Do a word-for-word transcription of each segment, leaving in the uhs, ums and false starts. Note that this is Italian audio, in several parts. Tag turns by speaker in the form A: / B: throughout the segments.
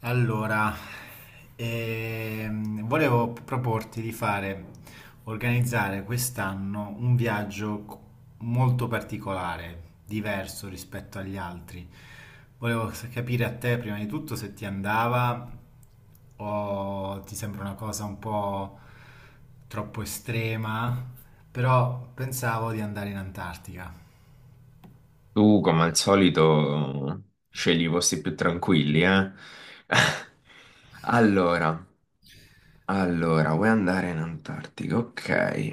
A: Allora, ehm, volevo proporti di fare, organizzare quest'anno un viaggio co- molto particolare, diverso rispetto agli altri. Volevo s- capire a te prima di tutto se ti andava o ti sembra una cosa un po' troppo estrema, però pensavo di andare in Antartica.
B: Tu, come al solito, scegli i posti più tranquilli, eh? Allora, allora, vuoi andare in Antartica? Ok.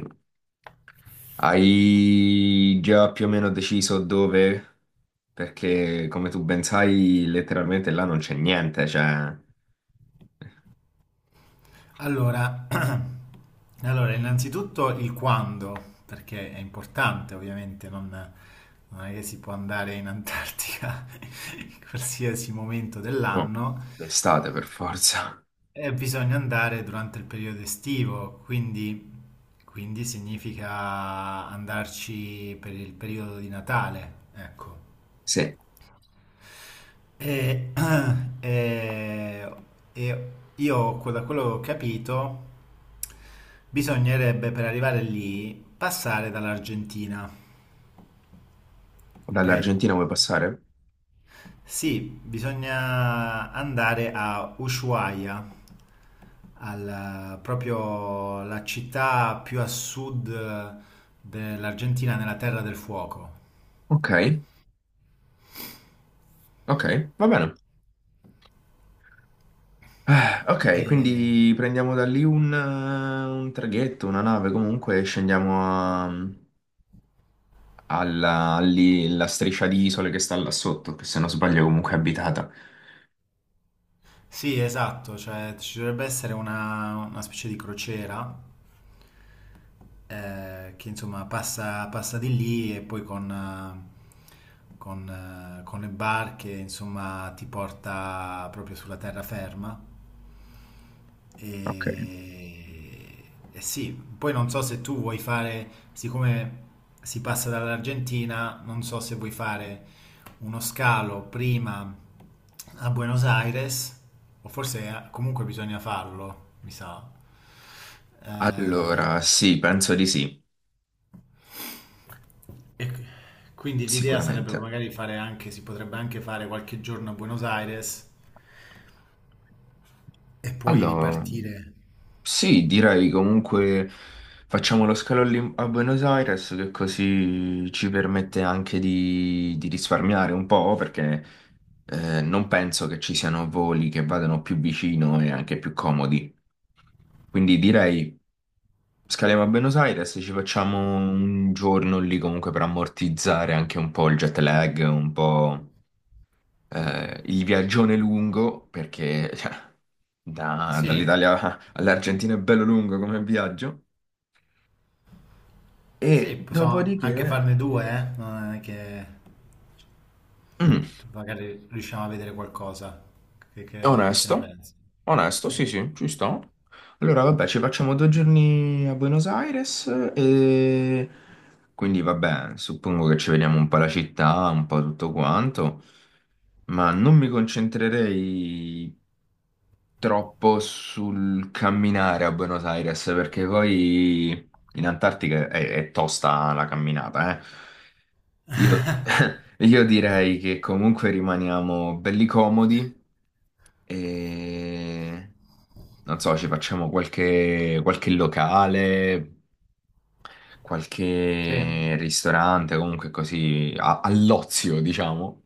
B: Hai già più o meno deciso dove? Perché, come tu ben sai, letteralmente là non c'è niente, cioè...
A: Allora, allora, innanzitutto il quando, perché è importante ovviamente, non, non è che si può andare in Antartica in qualsiasi momento
B: No,
A: dell'anno,
B: l'estate per forza.
A: e bisogna andare durante il periodo estivo, quindi, quindi significa andarci per il periodo di Natale, ecco.
B: Sì,
A: E, e- e io, da quello che ho capito, bisognerebbe per arrivare lì passare dall'Argentina, ok?
B: dall'Argentina vuoi passare?
A: Sì, bisogna andare a Ushuaia, al- proprio la città più a sud dell'Argentina, nella Terra del Fuoco.
B: Ok, ok, va bene. Eh, ok,
A: E-
B: quindi prendiamo da lì un, eh, un traghetto, una nave, comunque e scendiamo a- alla lì, la striscia di isole che sta là sotto, che se non sbaglio è comunque abitata.
A: sì, esatto, cioè ci dovrebbe essere una una specie di crociera eh, che insomma passa, passa di lì e poi con, eh, con, eh, con le barche insomma ti porta proprio sulla terraferma
B: Ok.
A: e, e sì, poi non so se tu vuoi fare, siccome si passa dall'Argentina, non so se vuoi fare uno scalo prima a Buenos Aires o forse eh, comunque bisogna farlo, mi sa.
B: Allora,
A: Eh,
B: sì, penso di sì,
A: E qui- quindi l'idea sarebbe
B: sicuramente.
A: magari fare anche, si potrebbe anche fare qualche giorno a Buenos Aires e poi
B: Allora.
A: ripartire.
B: Sì, direi comunque facciamo lo scalo lì a Buenos Aires che così ci permette anche di, di risparmiare un po' perché eh, non penso che ci siano voli che vadano più vicino e anche più comodi. Quindi direi scaliamo a Buenos Aires, ci facciamo un giorno lì comunque per ammortizzare anche un po' il jet lag, un po' eh, il viaggione lungo perché cioè, da-
A: Sì,
B: dall'Italia all'Argentina è bello lungo come viaggio.
A: sì,
B: E
A: possiamo anche
B: dopodiché,
A: farne due, eh? Non è che
B: mm,
A: magari riusciamo a vedere qualcosa. Che,
B: è
A: che- che ne
B: onesto,
A: pensi?
B: onesto,
A: Sì,
B: sì, sì, ci sto. Allora, vabbè, ci facciamo due giorni a Buenos Aires e quindi, vabbè, suppongo che ci vediamo un po' la città, un po' tutto quanto, ma non mi concentrerei troppo sul camminare a Buenos Aires perché poi in Antartica è, è tosta la camminata, eh. Io, io direi che comunque rimaniamo belli comodi. E non so, ci facciamo qualche, qualche locale,
A: sì,
B: qualche ristorante, comunque così a- all'ozio, diciamo.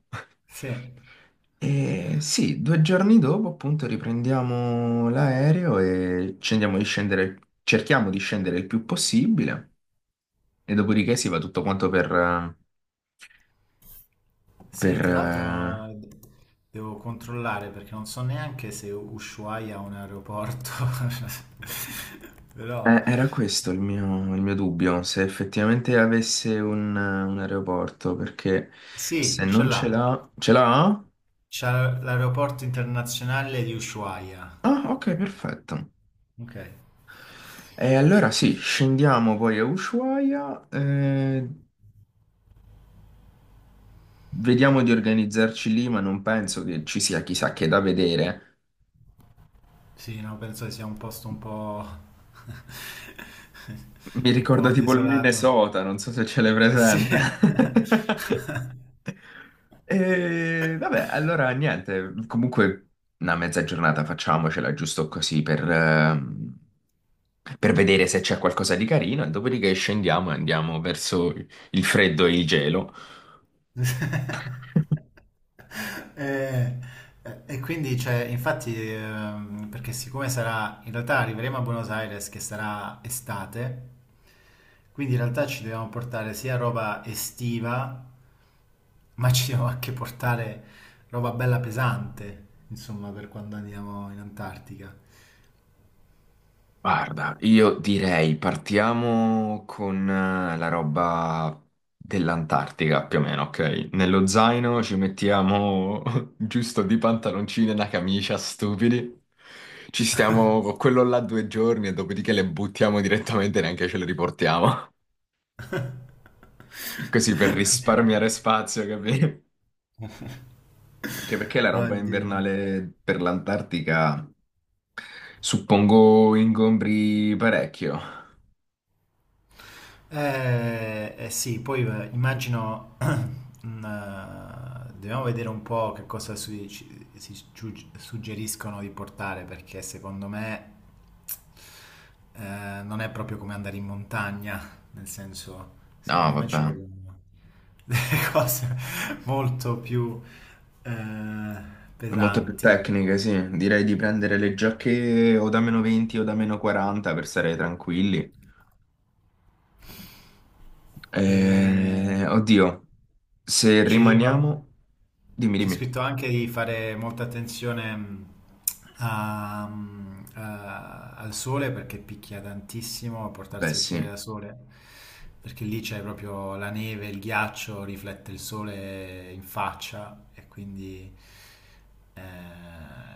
A: sì.
B: E sì, due giorni dopo appunto riprendiamo l'aereo e scendiamo di scendere, cerchiamo di scendere il più possibile e dopodiché si va tutto quanto per, per.
A: Sì, tra l'altro eh, devo controllare perché non so neanche se Ushuaia ha un aeroporto, però
B: Eh, era questo il mio, il mio dubbio, se effettivamente avesse un, un aeroporto, perché se
A: sì, ce
B: non ce
A: l'ha.
B: l'ha... Ce l'ha?
A: C'è l'aeroporto internazionale di Ushuaia.
B: Ah, ok, perfetto.
A: Ok.
B: E allora sì, scendiamo poi a Ushuaia, eh, vediamo di organizzarci lì, ma non penso che ci sia chissà che da vedere.
A: Sì, no, penso che sia un posto un po'...
B: Mi
A: un
B: ricorda
A: po'
B: tipo il
A: desolato.
B: Minnesota, non so se ce l'hai
A: Sì.
B: presente. E vabbè, allora niente, comunque una mezza giornata facciamocela giusto così per, ehm, per vedere se c'è qualcosa di carino e dopodiché scendiamo e andiamo verso il freddo e il gelo.
A: Eh, eh, E, quindi, cioè, infatti, ehm, perché siccome sarà, in realtà arriveremo a Buenos Aires che sarà estate, quindi in realtà ci dobbiamo portare sia roba estiva. Ma ci devo anche portare roba bella pesante, insomma, per quando andiamo in Antartica.
B: Guarda, io direi partiamo con eh, la roba dell'Antartica più o meno, ok? Nello zaino ci mettiamo giusto di pantaloncini e una camicia, stupidi. Ci stiamo con quello là due giorni e dopodiché le buttiamo direttamente e neanche ce le riportiamo. Così per risparmiare spazio, capito? Anche perché la roba
A: Oddio.
B: invernale per l'Antartica suppongo ingombri parecchio.
A: Eh, eh sì, poi eh, immagino, mm, eh, dobbiamo vedere un po' che cosa su- ci- si giu- suggeriscono di portare, perché secondo me eh, non è proprio come andare in montagna, nel senso,
B: No,
A: secondo me ci
B: vabbè.
A: vogliono... delle cose molto più eh,
B: Molto più
A: pesanti.
B: tecniche, sì. Direi di prendere le giacche o da meno venti o da meno quaranta per stare tranquilli.
A: E
B: Eh, oddio, se
A: ci va.
B: rimaniamo... Dimmi,
A: C'è
B: dimmi.
A: scritto anche di fare molta attenzione mh, a- mm, a- al sole perché picchia tantissimo,
B: Beh,
A: portarsi occhiali
B: sì.
A: da sole, perché lì c'è proprio la neve, il ghiaccio, riflette il sole in faccia e quindi eh,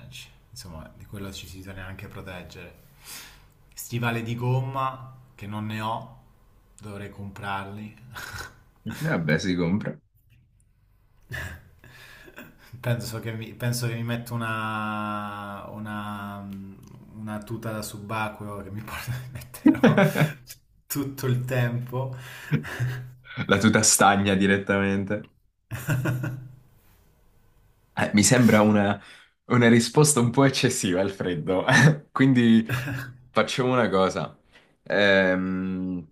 A: ci- insomma di quello ci si bisogna anche proteggere. Stivali di gomma che non ne ho, dovrei comprarli.
B: Vabbè, si compra.
A: Penso che mi, penso che mi metto una, una, una tuta da subacqueo che mi porta- metterò tutto il tempo.
B: La tuta stagna direttamente. Eh, mi sembra una, una risposta un po' eccessiva al freddo. Quindi facciamo una cosa. Ehm,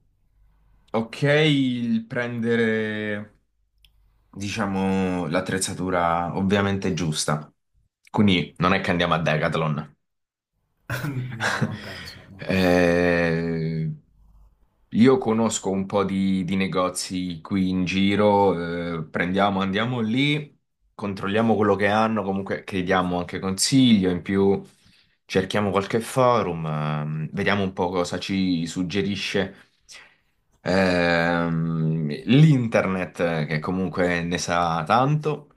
B: ok, il prendere. Diciamo, l'attrezzatura ovviamente giusta. Quindi non è che andiamo a Decathlon.
A: No, non penso. No.
B: Eh, io conosco un po' di, di negozi qui in giro, eh, prendiamo, andiamo lì, controlliamo quello che hanno, comunque chiediamo anche consiglio, in più cerchiamo qualche forum, ehm, vediamo un po' cosa ci suggerisce. Ehm, l'internet, eh, che comunque ne sa tanto.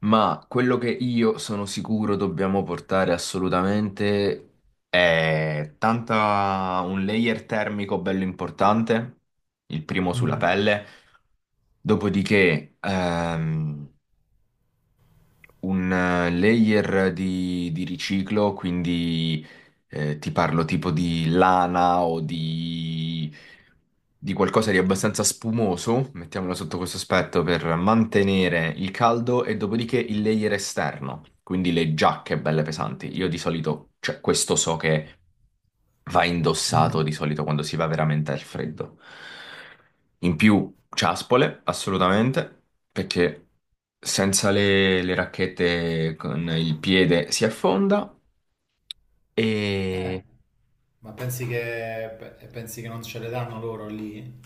B: Ma quello che io sono sicuro dobbiamo portare assolutamente è tanta un layer termico bello importante, il primo sulla
A: Mhm,
B: pelle, dopodiché ehm, un eh, layer di, di riciclo, quindi eh, ti parlo tipo di lana o di, di qualcosa di abbastanza spumoso, mettiamolo sotto questo aspetto, per mantenere il caldo e dopodiché il layer esterno, quindi le giacche belle pesanti. Io di solito, cioè questo so che va
A: mhm.
B: indossato di solito quando si va veramente al freddo. In più, ciaspole, assolutamente, perché senza le, le racchette con il piede si affonda
A: Eh,
B: e...
A: ma pensi che, pe- pensi che non ce le danno loro lì?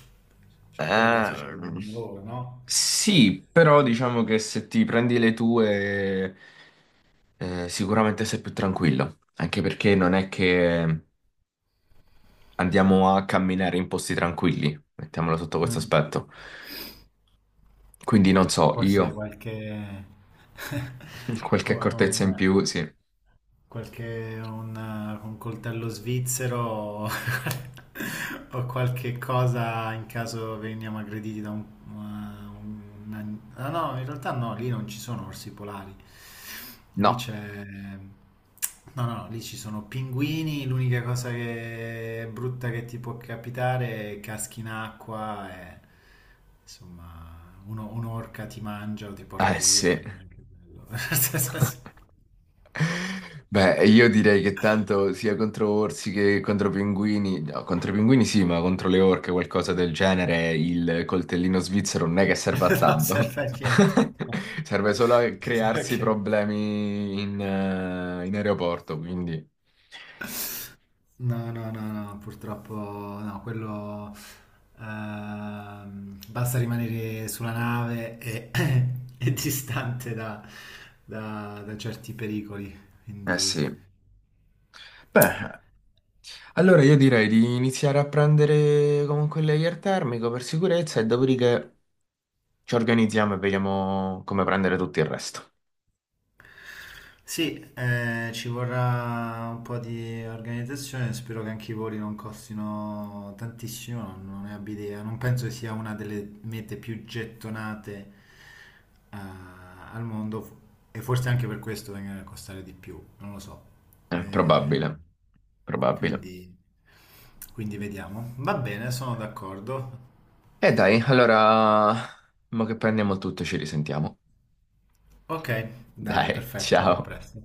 A: Cioè, quelle penso ce le
B: ehm,
A: danno loro, no?
B: sì, però diciamo che se ti prendi le tue eh, sicuramente sei più tranquillo, anche perché non è che andiamo a camminare in posti tranquilli, mettiamolo sotto questo
A: Mm.
B: aspetto. Quindi non so,
A: Forse
B: io...
A: qualche,
B: Qualche
A: co-
B: accortezza in
A: un,
B: più, sì.
A: qualche un, un coltello svizzero o qualche cosa in caso veniamo aggrediti da un, un- un- ah, no, in realtà no, lì non ci sono orsi polari. Lì
B: No.
A: c'è... No, no, lì ci sono pinguini, l'unica cosa che è brutta che ti può capitare è caschi in acqua e... Insomma, uno- un'orca ti mangia o ti porta
B: Eh
A: via,
B: sì.
A: però non è anche bello.
B: Beh, io direi che tanto sia contro orsi che contro pinguini, no, contro i pinguini sì, ma contro le orche o qualcosa del genere, il coltellino svizzero non è che serve a
A: Non
B: tanto.
A: serve a niente. No.
B: Serve solo a crearsi
A: Ok.
B: problemi in, eh, in aeroporto, quindi...
A: No, no, no, no, purtroppo no, quello ehm, basta rimanere sulla nave e, e distante da, da- da certi pericoli,
B: Eh sì.
A: quindi
B: Beh, allora io direi di iniziare a prendere comunque il layer termico per sicurezza e dopodiché ci organizziamo e vediamo come prendere tutto il resto.
A: sì, eh, ci vorrà un po' di organizzazione, spero che anche i voli non costino tantissimo, non non ne abbia idea, non penso che sia una delle mete più gettonate eh, al mondo e forse anche per questo vengono a costare di più, non lo so.
B: Eh,
A: Eh,
B: probabile, probabile.
A: quindi, quindi vediamo. Va bene, sono d'accordo.
B: E dai, allora, mo che prendiamo il tutto ci risentiamo.
A: Ok, dai,
B: Dai,
A: perfetto, a
B: ciao.
A: presto.